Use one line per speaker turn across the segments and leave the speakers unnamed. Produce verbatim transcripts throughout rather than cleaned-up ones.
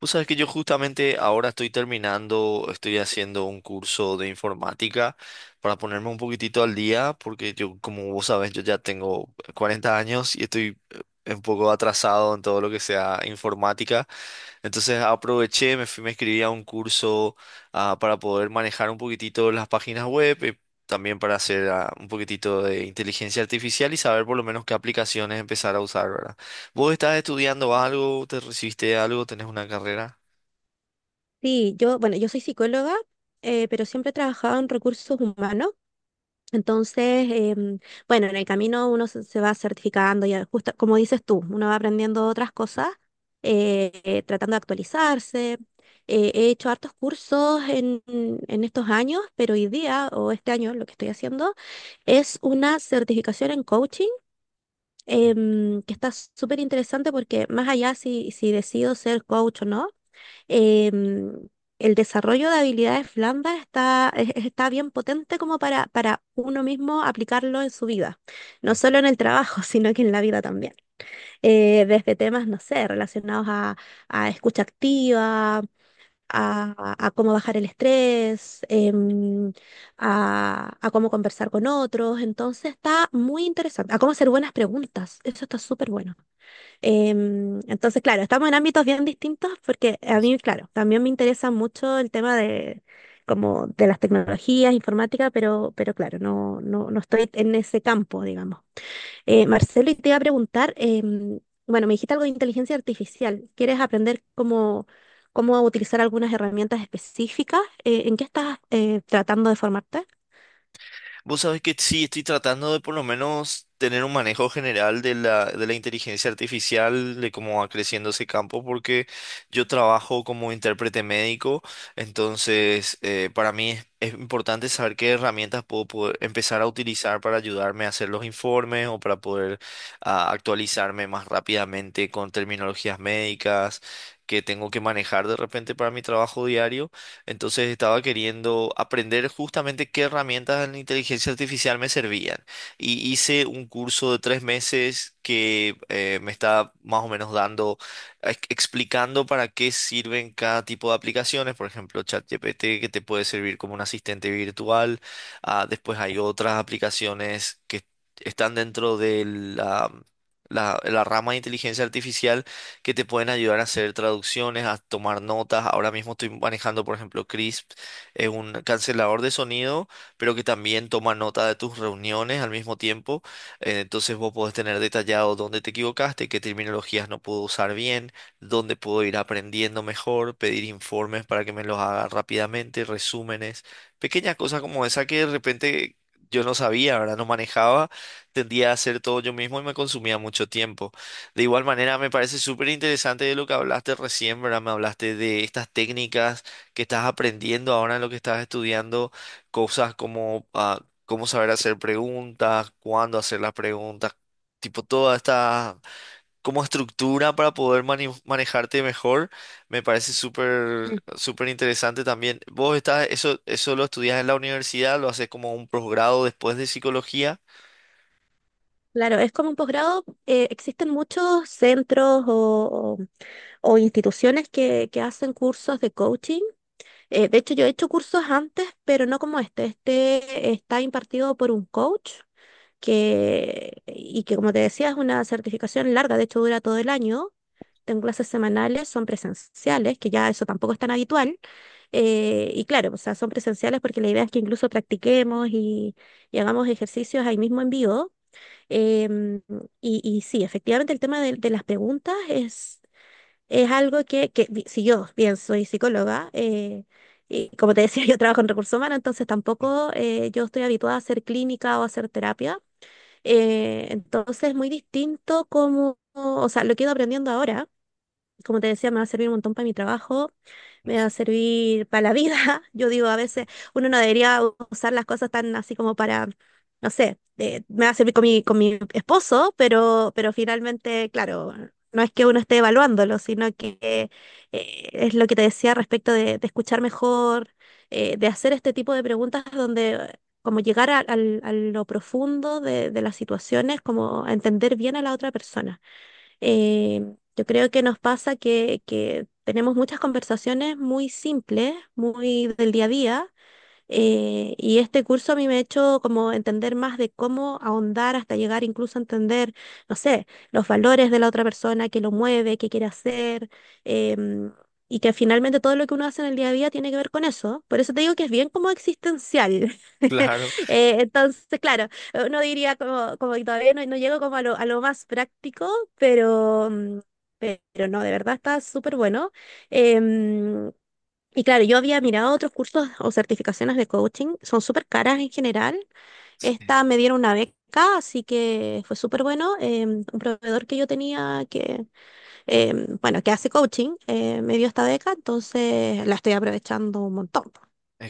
Vos sabés que yo justamente ahora estoy terminando, estoy haciendo un curso de informática para ponerme un poquitito al día, porque yo, como vos sabés, yo ya tengo cuarenta años y estoy eh, un poco atrasado en todo lo que sea informática. Entonces aproveché, me fui, me inscribí a un curso ah, para poder manejar un poquitito las páginas web. Y también para hacer ah, un poquitito de inteligencia artificial y saber por lo menos qué aplicaciones empezar a usar, ¿verdad? ¿Vos estás estudiando algo? ¿Te recibiste de algo? ¿Tenés una carrera?
Sí, yo, bueno, yo soy psicóloga, eh, pero siempre he trabajado en recursos humanos. Entonces, em, bueno, en el camino uno se, se va certificando, y justo como dices tú, uno va aprendiendo otras cosas, eh, eh, tratando de actualizarse. Eh, he hecho hartos cursos en, en estos años, pero hoy día o este año lo que estoy haciendo es una certificación en coaching, em, que está súper interesante porque más allá si, si decido ser coach o no, em, el desarrollo de habilidades blandas está, es- está bien potente como para, para uno mismo aplicarlo en su vida, no
Mm.
solo en el trabajo, sino que en la vida también. Eh, desde temas, no sé, relacionados a, a escucha activa, a, a cómo bajar el estrés, em, a, a cómo conversar con otros. Entonces está muy interesante, a cómo hacer buenas preguntas. Eso está súper bueno. Em, entonces, claro, estamos en ámbitos bien distintos porque a mí, claro, también me interesa mucho el tema de como de las tecnologías, informática, pero, pero claro, no, no, no estoy en ese campo, digamos. Eh, Marcelo, y te iba a preguntar, em, bueno, me dijiste algo de inteligencia artificial. ¿Quieres aprender cómo, cómo utilizar algunas herramientas específicas? Eh, ¿en qué estás eh, tratando de formarte?
Vos sabés que sí, estoy tratando de por lo menos tener un manejo general de la, de la inteligencia artificial, de cómo va creciendo ese campo, porque yo trabajo como intérprete médico, entonces eh, para mí es, es importante saber qué herramientas puedo poder empezar a utilizar para ayudarme a hacer los informes o para poder ah, actualizarme más rápidamente con terminologías médicas que tengo que manejar de repente para mi trabajo diario. Entonces estaba queriendo aprender justamente qué herramientas de la inteligencia artificial me servían. Y hice un curso de tres meses que eh, me está más o menos dando, ex- explicando para qué sirven cada tipo de aplicaciones. Por ejemplo, ChatGPT, que te puede servir como un asistente virtual. Ah, después hay otras aplicaciones que están dentro de la la- la rama de inteligencia artificial que te pueden ayudar a hacer traducciones, a tomar notas. Ahora mismo estoy manejando, por ejemplo, Crisp, es un cancelador de sonido, pero que también toma nota de tus reuniones al mismo tiempo. Eh, entonces vos podés tener detallado dónde te equivocaste, qué terminologías no puedo usar bien, dónde puedo ir aprendiendo mejor, pedir informes para que me los haga rápidamente, resúmenes, pequeñas cosas como esa que de repente... Yo no sabía, ¿verdad? No manejaba, tendía a hacer todo yo mismo y me consumía mucho tiempo. De igual manera, me parece súper interesante de lo que hablaste recién, ¿verdad? Me hablaste de estas técnicas que estás aprendiendo ahora en lo que estás estudiando, cosas como ah, cómo saber hacer preguntas, cuándo hacer las preguntas, tipo toda esta como estructura para poder mani- manejarte mejor. Me parece súper,
Sí.
súper interesante también. Vos estás, eso, eso lo estudias en la universidad, lo haces como un posgrado después de psicología.
Claro, es como un posgrado. eh, existen muchos centros o, o instituciones que, que hacen cursos de coaching. Eh, de hecho, yo he hecho cursos antes, pero no como este. Este está impartido por un coach que, y que, como te decía, es una certificación larga, de hecho dura todo el año. Tengo clases semanales, son presenciales, que ya eso tampoco es tan habitual. Eh, y claro, o sea, son presenciales porque la idea es que incluso practiquemos y, y hagamos ejercicios ahí mismo en vivo. Em, y, y sí, efectivamente el tema de, de las preguntas es, es algo que, que vi- si yo bien soy psicóloga, eh, y como te decía, yo trabajo en recursos humanos, entonces tampoco eh, yo estoy habituada a hacer clínica o a hacer terapia. Eh, entonces es muy distinto como, o sea, lo que he ido aprendiendo ahora como te decía, me va a servir un montón para mi trabajo, me va a servir para la vida. Yo digo, a veces uno no debería usar las cosas tan así como para, no sé, eh, me va a servir con mi, con mi esposo, pero, pero finalmente, claro, no es que uno esté evaluándolo, sino que eh, es lo que te decía respecto de, de escuchar mejor, eh, de hacer este tipo de preguntas donde como llegar a, al- a lo profundo de, de las situaciones, como a entender bien a la otra persona. Eh, yo creo que nos pasa que, que tenemos muchas conversaciones muy simples, muy del día a día, eh, y este curso a mí me ha hecho como entender más de cómo ahondar hasta llegar incluso a entender, no sé, los valores de la otra persona, qué lo mueve, qué quiere hacer, em, y que finalmente todo lo que uno hace en el día a día tiene que ver con eso. Por eso te digo que es bien como existencial.
Claro.
Eh, entonces, claro, uno diría como, como que todavía no, no llego como a lo, a lo más práctico, pero mm, pero no, de verdad está súper bueno. Em, y claro, yo había mirado otros cursos o certificaciones de coaching, son súper caras en general.
Sí.
Esta me dieron una beca, así que fue súper bueno. Em, un proveedor que yo tenía que, em, bueno, que hace coaching, eh, me dio esta beca, entonces la estoy aprovechando un montón. Po.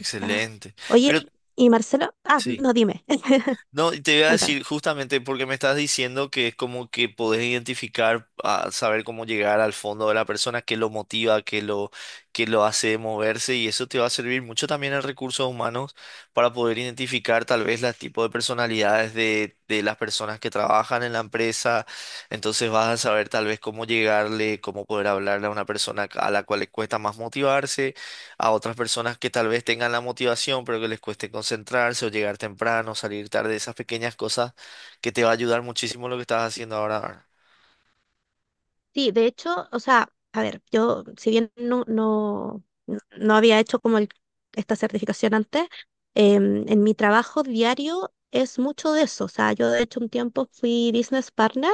O sea,
Pero
oye, y Marcelo, ah,
sí.
no, dime,
No, y te iba a
cuéntame.
decir justamente porque me estás diciendo que es como que podés identificar, ah, saber cómo llegar al fondo de la persona, qué lo motiva, qué lo, qué lo hace moverse y eso te va a servir mucho también en recursos humanos para poder identificar tal vez los tipos de personalidades de, de las personas que trabajan en la empresa. Entonces vas a saber tal vez cómo llegarle, cómo poder hablarle a una persona a la cual le cuesta más motivarse a otras personas que tal vez tengan la motivación, pero que les cueste concentrarse o llegar temprano, salir tarde, esas pequeñas cosas que te va a ayudar muchísimo lo que estás haciendo ahora. ahora.
Sí, de hecho, o sea, a ver, yo, si bien no, no, no no había hecho como el- esta certificación antes, em, en mi trabajo diario es mucho de eso. O sea, yo de hecho un tiempo fui business partner,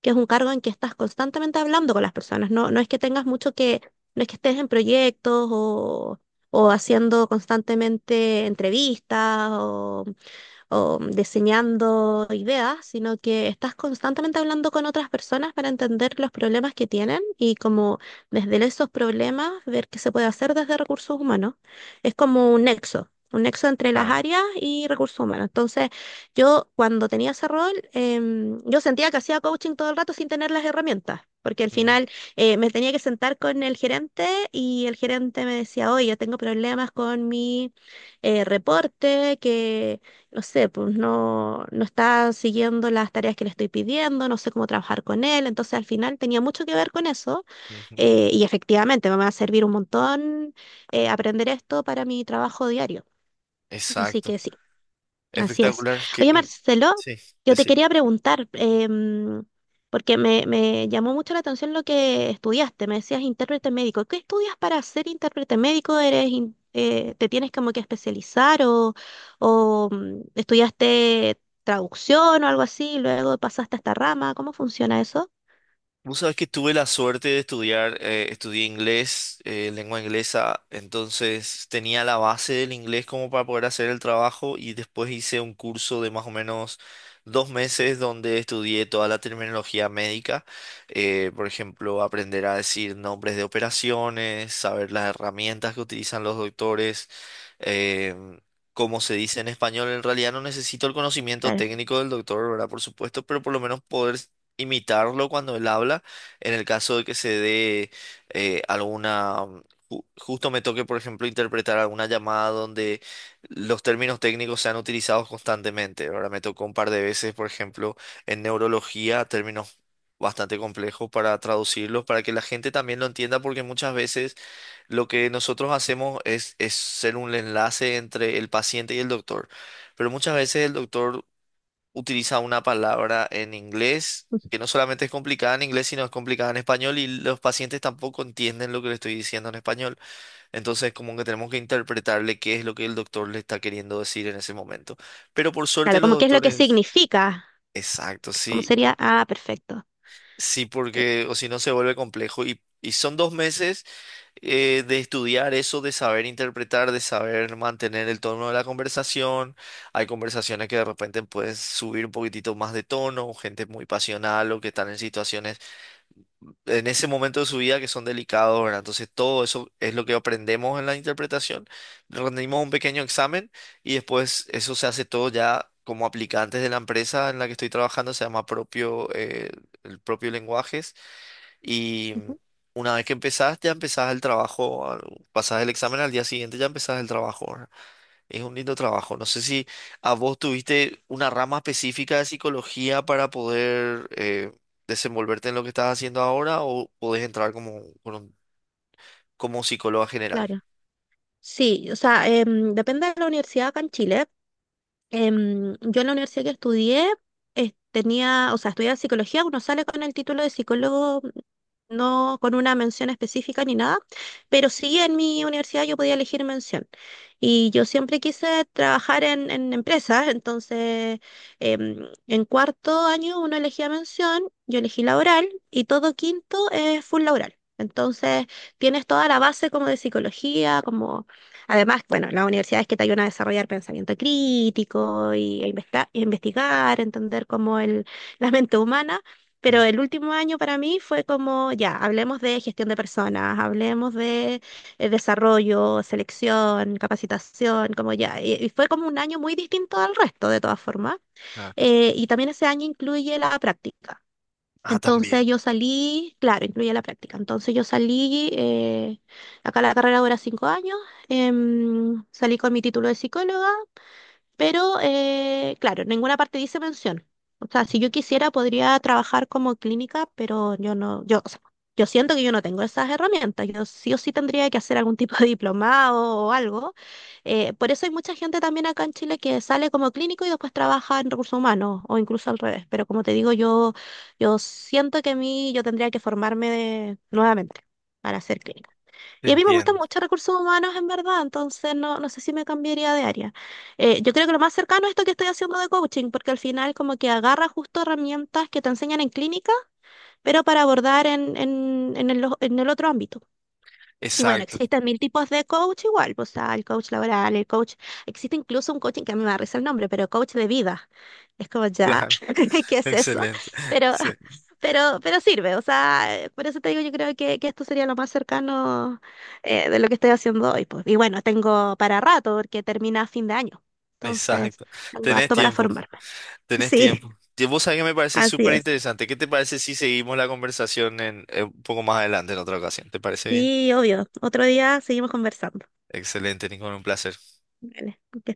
que es un cargo en que estás constantemente hablando con las personas. No, no es que tengas mucho que, no es que estés en proyectos o, o haciendo constantemente entrevistas o mm, diseñando ideas, sino que estás constantemente hablando con otras personas para entender los problemas que tienen y como desde esos problemas ver qué se puede hacer desde recursos humanos. Es como un nexo. Un nexo entre las
Claro.
áreas y recursos humanos. Entonces, yo cuando tenía ese rol, em, yo sentía que hacía coaching todo el rato sin tener las herramientas, porque al
Ujú,
final eh, me tenía que sentar con el gerente y el gerente me decía, oye, tengo problemas con mi eh, reporte, que no sé, pues no, no está siguiendo las tareas que le estoy pidiendo, no sé cómo trabajar con él. Entonces al final tenía mucho que ver con eso
ujú.
eh, y efectivamente me va a servir un montón eh, aprender esto para mi trabajo diario. Así
Exacto.
que sí, así es.
Espectacular.
Oye,
Que,
Marcelo,
sí,
yo te
decime.
quería preguntar, em, porque me, me llamó mucho la atención lo que estudiaste. Me decías intérprete médico. ¿Qué estudias para ser intérprete médico? ¿Eres in- eh, te tienes como que especializar o, o, mm, estudiaste traducción o algo así? Y luego pasaste a esta rama. ¿Cómo funciona eso?
Vos sabés que tuve la suerte de estudiar, eh, estudié inglés, eh, lengua inglesa, entonces tenía la base del inglés como para poder hacer el trabajo y después hice un curso de más o menos dos meses donde estudié toda la terminología médica, eh, por ejemplo, aprender a decir nombres de operaciones, saber las herramientas que utilizan los doctores, em, como se dice en español, en realidad no necesito el conocimiento
Claro,
técnico del doctor, ¿verdad? Por supuesto, pero por lo menos poder imitarlo cuando él habla, en el caso de que se dé eh, alguna, um, ju- justo me toque, por ejemplo, interpretar alguna llamada donde los términos técnicos sean utilizados constantemente. Ahora me tocó un par de veces, por ejemplo, en neurología, términos bastante complejos para traducirlos, para que la gente también lo entienda, porque muchas veces lo que nosotros hacemos es, es ser un enlace entre el paciente y el doctor. Pero muchas veces el doctor utiliza una palabra en inglés que no solamente es complicada en inglés, sino es complicada en español y los pacientes tampoco entienden lo que le estoy diciendo en español. Entonces, como que tenemos que interpretarle qué es lo que el doctor le está queriendo decir en ese momento. Pero por suerte
claro,
los
como qué es lo que
doctores...
significa.
Exacto,
¿Cómo
sí.
sería? Ah, perfecto.
Sí,
Te-
porque o si no se vuelve complejo. Y, y son dos meses eh, de estudiar eso, de saber interpretar, de saber mantener el tono de la conversación. Hay conversaciones que de repente puedes subir un poquitito más de tono, gente muy pasional o que están en situaciones en ese momento de su vida que son delicados, ¿verdad? Entonces todo eso es lo que aprendemos en la interpretación. Rendimos un pequeño examen y después eso se hace todo ya. Como aplicantes de la empresa en la que estoy trabajando, se llama propio, eh, el propio lenguaje y
ujú.
una vez que empezás, ya empezás el trabajo, al- pasás el examen al día siguiente, ya empezás el trabajo. ¿Verdad? Es un lindo trabajo. No sé si a vos tuviste una rama específica de psicología para poder eh, desenvolverte en lo que estás haciendo ahora o podés entrar como, con un- como psicóloga general.
Claro. Sí, o sea, em, depende de la universidad acá en Chile, em, yo en la universidad que estudié, eh, tenía, o sea, estudiaba psicología, uno sale con el título de psicólogo, no con una mención específica ni nada, pero sí en mi universidad yo podía elegir mención. Y yo siempre quise trabajar en, en empresas, entonces em, en cuarto año uno elegía mención, yo elegí laboral y todo quinto es full laboral. Entonces tienes toda la base como de psicología, como además, bueno, las universidades que te ayudan a desarrollar pensamiento crítico y a investa- y a investigar, entender cómo el, la mente humana,
Mm.
pero el último año para mí fue como, ya, hablemos de gestión de personas, hablemos de eh, desarrollo, selección, capacitación, como ya, y, y fue como un año muy distinto al resto de todas formas.
Ah,
Eh, y también ese año incluye la práctica.
ah, también,
Entonces yo salí, claro, incluye la práctica. Entonces yo salí, eh, acá la carrera dura cinco años, em, salí con mi título de psicóloga pero, eh, claro, en ninguna parte dice mención. O sea, si yo quisiera, podría trabajar como clínica, pero yo no, yo, o sea, yo siento que yo no tengo esas herramientas. Yo sí o sí tendría que hacer algún tipo de diplomado o algo. Eh, por eso hay mucha gente también acá en Chile que sale como clínico y después trabaja en recursos humanos o incluso al revés. Pero como te digo, yo, yo siento que a mí yo tendría que formarme de- nuevamente para ser clínico.
te
Y a mí me gustan
entiendo.
mucho recursos humanos, en verdad, entonces no, no sé si me cambiaría de área. Eh, yo creo que lo más cercano es esto que estoy haciendo de coaching, porque al final como que agarra justo herramientas que te enseñan en clínica, pero para abordar en, en, en el, en el otro ámbito. Y bueno,
Exacto,
existen mil tipos de coach igual, pues está el coach laboral, el coach, existe incluso un coaching que a mí me da risa el nombre, pero coach de vida. Es como ya,
claro,
¿qué es eso?
excelente.
Pero,
Sí,
pero, pero sirve, o sea, eh, por eso te digo, yo creo que, que esto sería lo más cercano eh, de lo que estoy haciendo hoy, pues. Y bueno, tengo para rato porque termina a fin de año, entonces
exacto.
tengo
Tenés
harto para
tiempo.
formarme.
Tenés
Sí,
tiempo. Y vos sabés que me parece
así
súper
es.
interesante. ¿Qué te parece si seguimos la conversación en, eh, un poco más adelante en otra ocasión? ¿Te parece bien?
Sí, obvio. Otro día seguimos conversando.
Excelente, Nico, un placer.
Vale, que